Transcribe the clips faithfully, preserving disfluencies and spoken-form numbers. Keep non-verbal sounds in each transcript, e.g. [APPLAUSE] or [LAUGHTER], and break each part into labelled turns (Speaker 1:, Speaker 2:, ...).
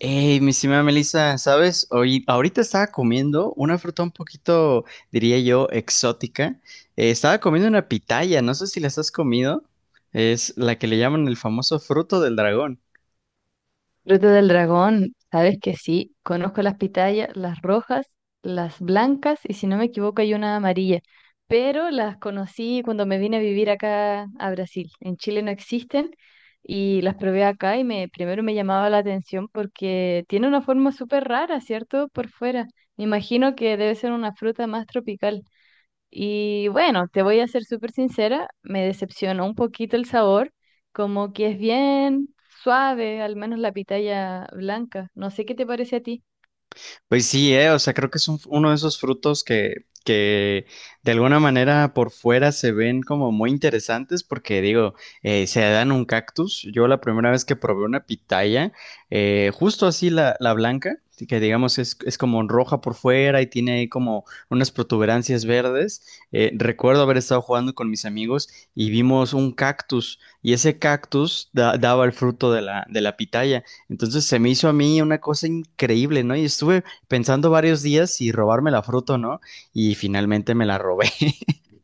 Speaker 1: Hey, mi estimada Melissa, ¿sabes? Hoy, ahorita estaba comiendo una fruta un poquito, diría yo, exótica. Eh, estaba comiendo una pitaya, no sé si las has comido. Es la que le llaman el famoso fruto del dragón.
Speaker 2: Fruta del dragón, sabes que sí, conozco las pitayas, las rojas, las blancas y si no me equivoco hay una amarilla, pero las conocí cuando me vine a vivir acá a Brasil. En Chile no existen y las probé acá y me primero me llamaba la atención porque tiene una forma súper rara, ¿cierto? Por fuera. Me imagino que debe ser una fruta más tropical. Y bueno, te voy a ser súper sincera, me decepcionó un poquito el sabor, como que es bien suave, al menos la pitaya blanca. No sé qué te parece a ti.
Speaker 1: Pues sí, eh, o sea, creo que es un- uno de esos frutos que, que de alguna manera por fuera se ven como muy interesantes porque digo, eh, se dan un cactus. Yo la primera vez que probé una pitaya, eh, justo así la, la blanca, sí, que digamos es, es como roja por fuera y tiene ahí como unas protuberancias verdes. Eh, recuerdo haber estado jugando con mis amigos y vimos un cactus y ese cactus da- daba el fruto de la, de la pitaya. Entonces se me hizo a mí una cosa increíble, ¿no? Y estuve pensando varios días si robarme la fruta o no, y finalmente me la robé. [LAUGHS]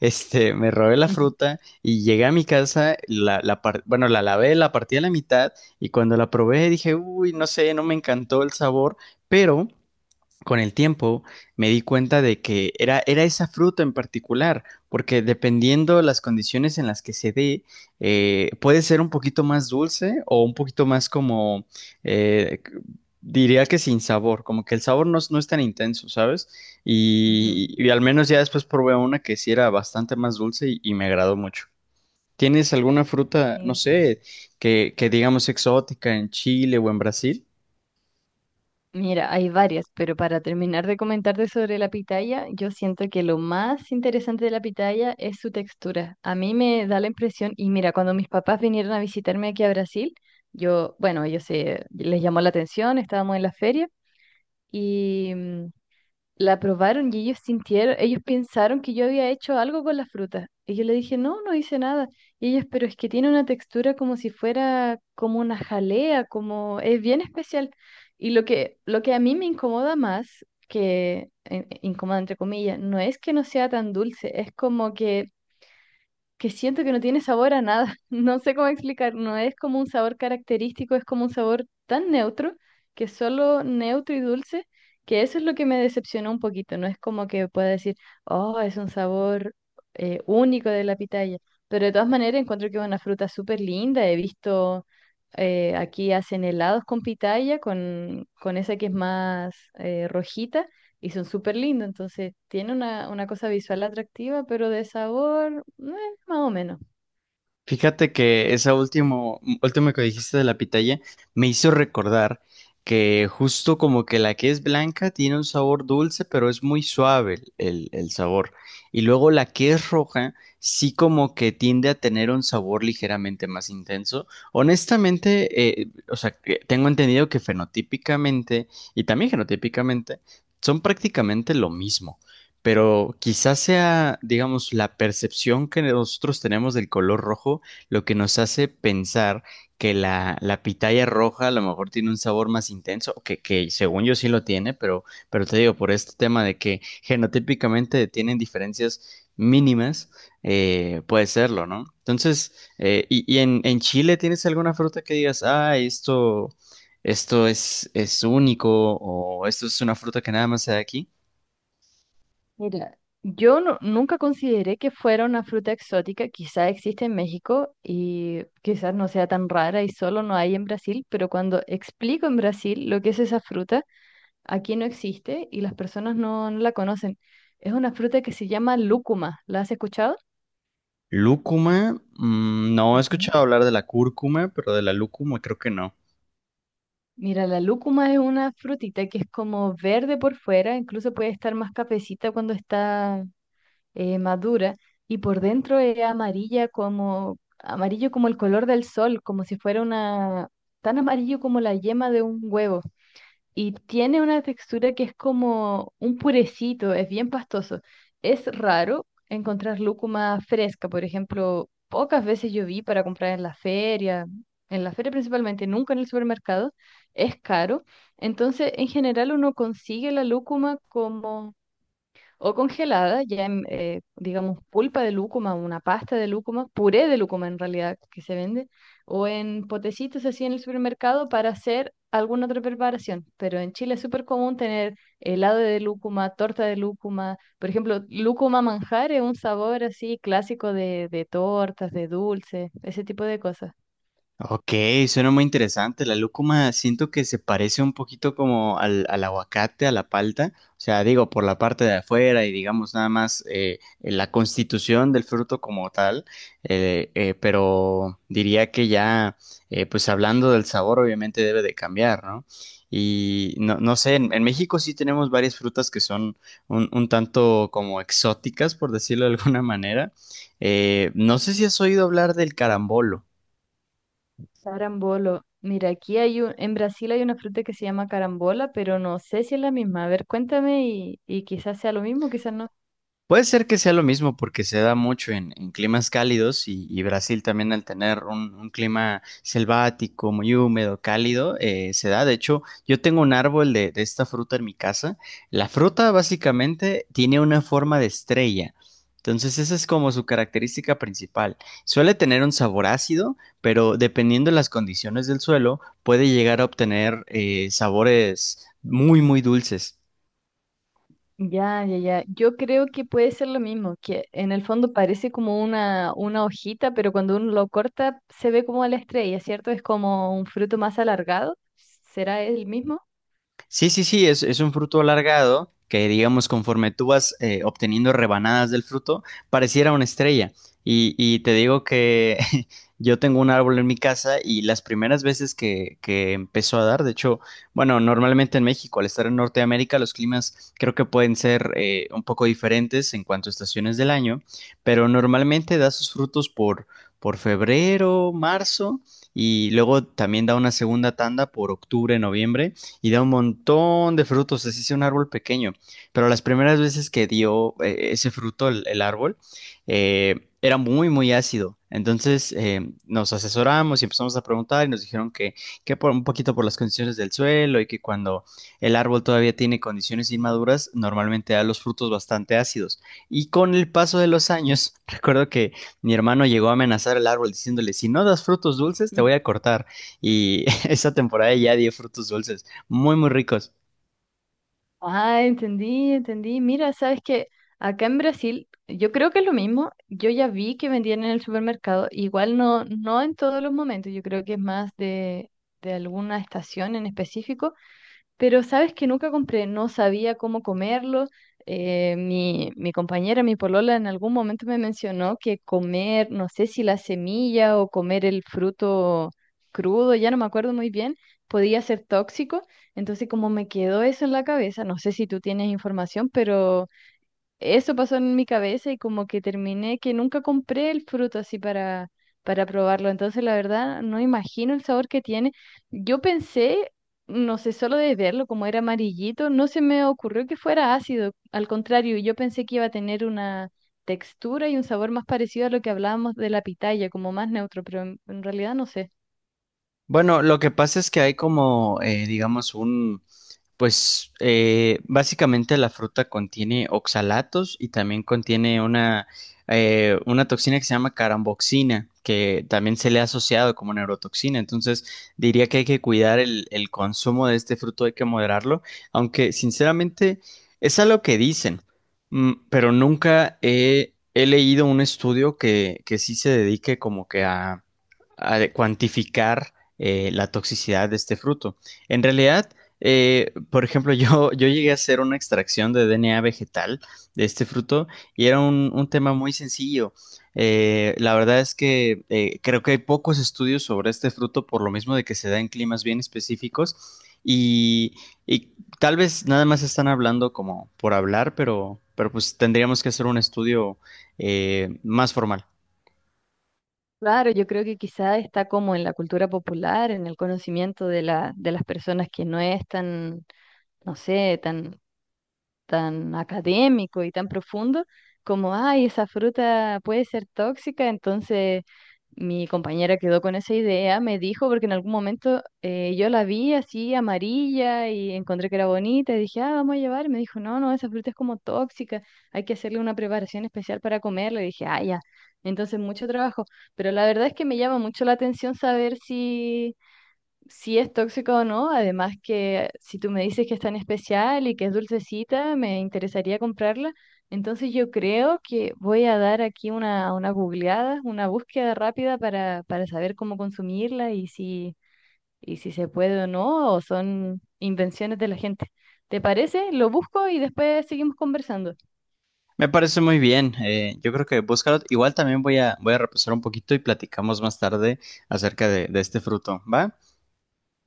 Speaker 1: Este, me robé la
Speaker 2: Ujú.
Speaker 1: fruta y llegué a mi casa, la, la par- bueno, la lavé, la partí a la mitad y cuando la probé dije, uy, no sé, no me encantó el sabor, pero con el tiempo me di cuenta de que era, era esa fruta en particular, porque dependiendo las condiciones en las que se dé, eh, puede ser un poquito más dulce o un poquito más como, eh, c- diría que sin sabor, como que el sabor no, es no es tan intenso, ¿sabes?
Speaker 2: Ujú,
Speaker 1: Y, y al menos ya después probé una que sí era bastante más dulce y, y me agradó mucho. ¿Tienes alguna fruta, no
Speaker 2: sí.
Speaker 1: sé, que, que digamos exótica en Chile o en Brasil?
Speaker 2: Mira, hay varias, pero para terminar de comentarte sobre la pitaya, yo siento que lo más interesante de la pitaya es su textura. A mí me da la impresión, y mira, cuando mis papás vinieron a visitarme aquí a Brasil, yo, bueno, ellos se les llamó la atención, estábamos en la feria y mm, la probaron y ellos sintieron, ellos pensaron que yo había hecho algo con la fruta. Y yo le dije, no, no hice nada. Y ellos, pero es que tiene una textura como si fuera como una jalea, como es bien especial. Y lo que, lo que a mí me incomoda más, que eh, eh, incomoda entre comillas, no es que no sea tan dulce, es como que que siento que no tiene sabor a nada. [LAUGHS] No sé cómo explicar, no es como un sabor característico, es como un sabor tan neutro, que es solo neutro y dulce, que eso es lo que me decepcionó un poquito. No es como que pueda decir, oh, es un sabor eh, único de la pitaya. Pero de todas maneras encuentro que es una fruta súper linda. He visto, eh, aquí hacen helados con pitaya, con, con esa que es más eh, rojita. Y son súper lindos, entonces tiene una, una cosa visual atractiva, pero de sabor, no, más o menos.
Speaker 1: Fíjate que esa último, última que dijiste de la pitaya me hizo recordar que justo como que la que es blanca tiene un sabor dulce, pero es muy suave el, el- el sabor. Y luego la que es roja sí como que tiende a tener un sabor ligeramente más intenso. Honestamente, eh, o sea, que tengo entendido que fenotípicamente y también genotípicamente son prácticamente lo mismo, pero quizás sea, digamos, la percepción que nosotros tenemos del color rojo lo que nos hace pensar que la, la pitaya roja a lo mejor tiene un sabor más intenso, que, que según yo sí lo tiene, pero, pero te digo, por este tema de que genotípicamente tienen diferencias mínimas, eh, puede serlo, ¿no? Entonces, eh, y, y en, en Chile, ¿tienes alguna fruta que digas, ah, esto, esto es, es único o esto es una fruta que nada más se da aquí?
Speaker 2: Mira, yo no- nunca consideré que fuera una fruta exótica, quizá existe en México y quizás no sea tan rara y solo no hay en Brasil, pero cuando explico en Brasil lo que es esa fruta, aquí no existe y las personas no, no la conocen. Es una fruta que se llama lúcuma, ¿la has escuchado?
Speaker 1: Lúcuma, mm, no he
Speaker 2: Ujú.
Speaker 1: escuchado hablar de la cúrcuma, pero de la lúcuma creo que no.
Speaker 2: Mira, la lúcuma es una frutita que es como verde por fuera, incluso puede estar más cafecita cuando está eh, madura, y por dentro es amarilla, como amarillo como el color del sol, como si fuera una, tan amarillo como la yema de un huevo, y tiene una textura que es como un purecito, es bien pastoso. Es raro encontrar lúcuma fresca, por ejemplo, pocas veces yo vi para comprar en la feria, en la feria principalmente, nunca en el supermercado, es caro. Entonces, en general uno consigue la lúcuma como o congelada, ya en, eh, digamos, pulpa de lúcuma, una pasta de lúcuma, puré de lúcuma en realidad que se vende, o en potecitos así en el supermercado para hacer alguna otra preparación. Pero en Chile es súper común tener helado de lúcuma, torta de lúcuma, por ejemplo, lúcuma manjar es un sabor así clásico de, de tortas, de dulces, ese tipo de cosas.
Speaker 1: Ok, suena muy interesante. La lúcuma siento que se parece un poquito como al, al aguacate, a la palta. O sea, digo, por la parte de afuera y digamos nada más eh, la constitución del fruto como tal. Eh, eh, pero diría que ya, eh, pues hablando del sabor, obviamente debe de cambiar, ¿no? Y no, no sé, en, en México sí tenemos varias frutas que son un, un tanto como exóticas, por decirlo de alguna manera. Eh, no sé si has oído hablar del carambolo.
Speaker 2: Carambolo. Mira, aquí hay un, en Brasil hay una fruta que se llama carambola, pero no sé si es la misma. A ver, cuéntame y, y quizás sea lo mismo, quizás no.
Speaker 1: Puede ser que sea lo mismo porque se da mucho en, en climas cálidos y, y Brasil también al tener un, un clima selvático, muy húmedo, cálido, eh, se da. De hecho, yo tengo un árbol de, de esta fruta en mi casa. La fruta básicamente tiene una forma de estrella. Entonces, esa es como su característica principal. Suele tener un sabor ácido, pero dependiendo de las condiciones del suelo, puede llegar a obtener eh, sabores muy, muy dulces.
Speaker 2: Ya, ya, ya. Yo creo que puede ser lo mismo, que en el fondo parece como una, una hojita, pero cuando uno lo corta se ve como la estrella, ¿cierto? Es como un fruto más alargado. ¿Será el mismo? [LAUGHS]
Speaker 1: Sí, sí, sí, es, es un fruto alargado que, digamos, conforme tú vas eh, obteniendo rebanadas del fruto, pareciera una estrella. Y, y te digo que [LAUGHS] yo tengo un árbol en mi casa y las primeras veces que, que empezó a dar, de hecho, bueno, normalmente en México, al estar en Norteamérica, los climas creo que pueden ser eh, un poco diferentes en cuanto a estaciones del año, pero normalmente da sus frutos por, por febrero, marzo. Y luego también da una segunda tanda por octubre, noviembre y da un montón de frutos, así sea un árbol pequeño. Pero las primeras veces que dio eh, ese fruto el, el árbol, eh, era muy, muy ácido. Entonces eh, nos asesoramos y empezamos a preguntar y nos dijeron que, que por un poquito por las condiciones del suelo y que cuando el árbol todavía tiene condiciones inmaduras, normalmente da los frutos bastante ácidos. Y con el paso de los años, [LAUGHS] recuerdo que mi hermano llegó a amenazar al árbol diciéndole, si no das frutos dulces, te
Speaker 2: Mm.
Speaker 1: voy a cortar. Y [LAUGHS] esa temporada ya dio frutos dulces. Muy, muy ricos.
Speaker 2: Ah, entendí, entendí. Mira, sabes que acá en Brasil, yo creo que es lo mismo. Yo ya vi que vendían en el supermercado, igual no, no en todos los momentos, yo creo que es más de, de alguna estación en específico. Pero sabes que nunca compré, no sabía cómo comerlo. Eh, mi, mi compañera, mi polola, en algún momento me mencionó que comer, no sé si la semilla o comer el fruto crudo, ya no me acuerdo muy bien, podía ser tóxico. Entonces, como me quedó eso en la cabeza, no sé si tú tienes información, pero eso pasó en mi cabeza y como que terminé que nunca compré el fruto así para, para probarlo. Entonces, la verdad, no imagino el sabor que tiene. Yo pensé, no sé, solo de verlo, como era amarillito, no se me ocurrió que fuera ácido. Al contrario, yo pensé que iba a tener una textura y un sabor más parecido a lo que hablábamos de la pitaya, como más neutro, pero en, en realidad no sé.
Speaker 1: Bueno, lo que pasa es que hay como, eh, digamos, un, pues eh, básicamente la fruta contiene oxalatos y también contiene una, eh, una toxina que se llama caramboxina, que también se le ha asociado como neurotoxina. Entonces diría que hay que cuidar el, el consumo de este fruto, hay que moderarlo, aunque sinceramente es algo que dicen, mm, pero nunca he, he leído un estudio que, que sí se dedique como que a, a cuantificar eh, la toxicidad de este fruto. En realidad... Eh, por ejemplo, [LAUGHS] yo, yo llegué a hacer una extracción de D N A vegetal de este fruto y era un, un tema muy sencillo. Eh, la verdad es que eh, creo que hay pocos estudios sobre este fruto por lo mismo de que se da en climas bien específicos y, y tal vez nada más están hablando como por hablar, pero, pero pues tendríamos que hacer un estudio eh, más formal.
Speaker 2: Claro, yo creo que quizá está como en la cultura popular, en el conocimiento de la, de las personas que no es tan, no sé, tan tan académico y tan profundo, como, ay, esa fruta puede ser tóxica, entonces mi compañera quedó con esa idea, me dijo, porque en algún momento eh, yo la vi así amarilla y encontré que era bonita y dije, ah, vamos a llevar, y me dijo, no, no, esa fruta es como tóxica, hay que hacerle una preparación especial para comerla, y dije, ah, ya, entonces mucho trabajo, pero la verdad es que me llama mucho la atención saber si, si es tóxico o no. Además que si tú me dices que es tan especial y que es dulcecita, me interesaría comprarla. Entonces yo creo que voy a dar aquí una, una googleada, una búsqueda rápida para, para saber cómo consumirla y si, y si se puede o no, o son invenciones de la gente. ¿Te parece? Lo busco y después seguimos conversando.
Speaker 1: Me parece muy bien. Eh, yo creo que búscalo. Igual también voy a, voy a repasar un poquito y platicamos más tarde acerca de, de este fruto. ¿Va?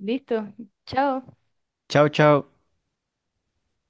Speaker 2: Listo. Chao.
Speaker 1: Chao, chao.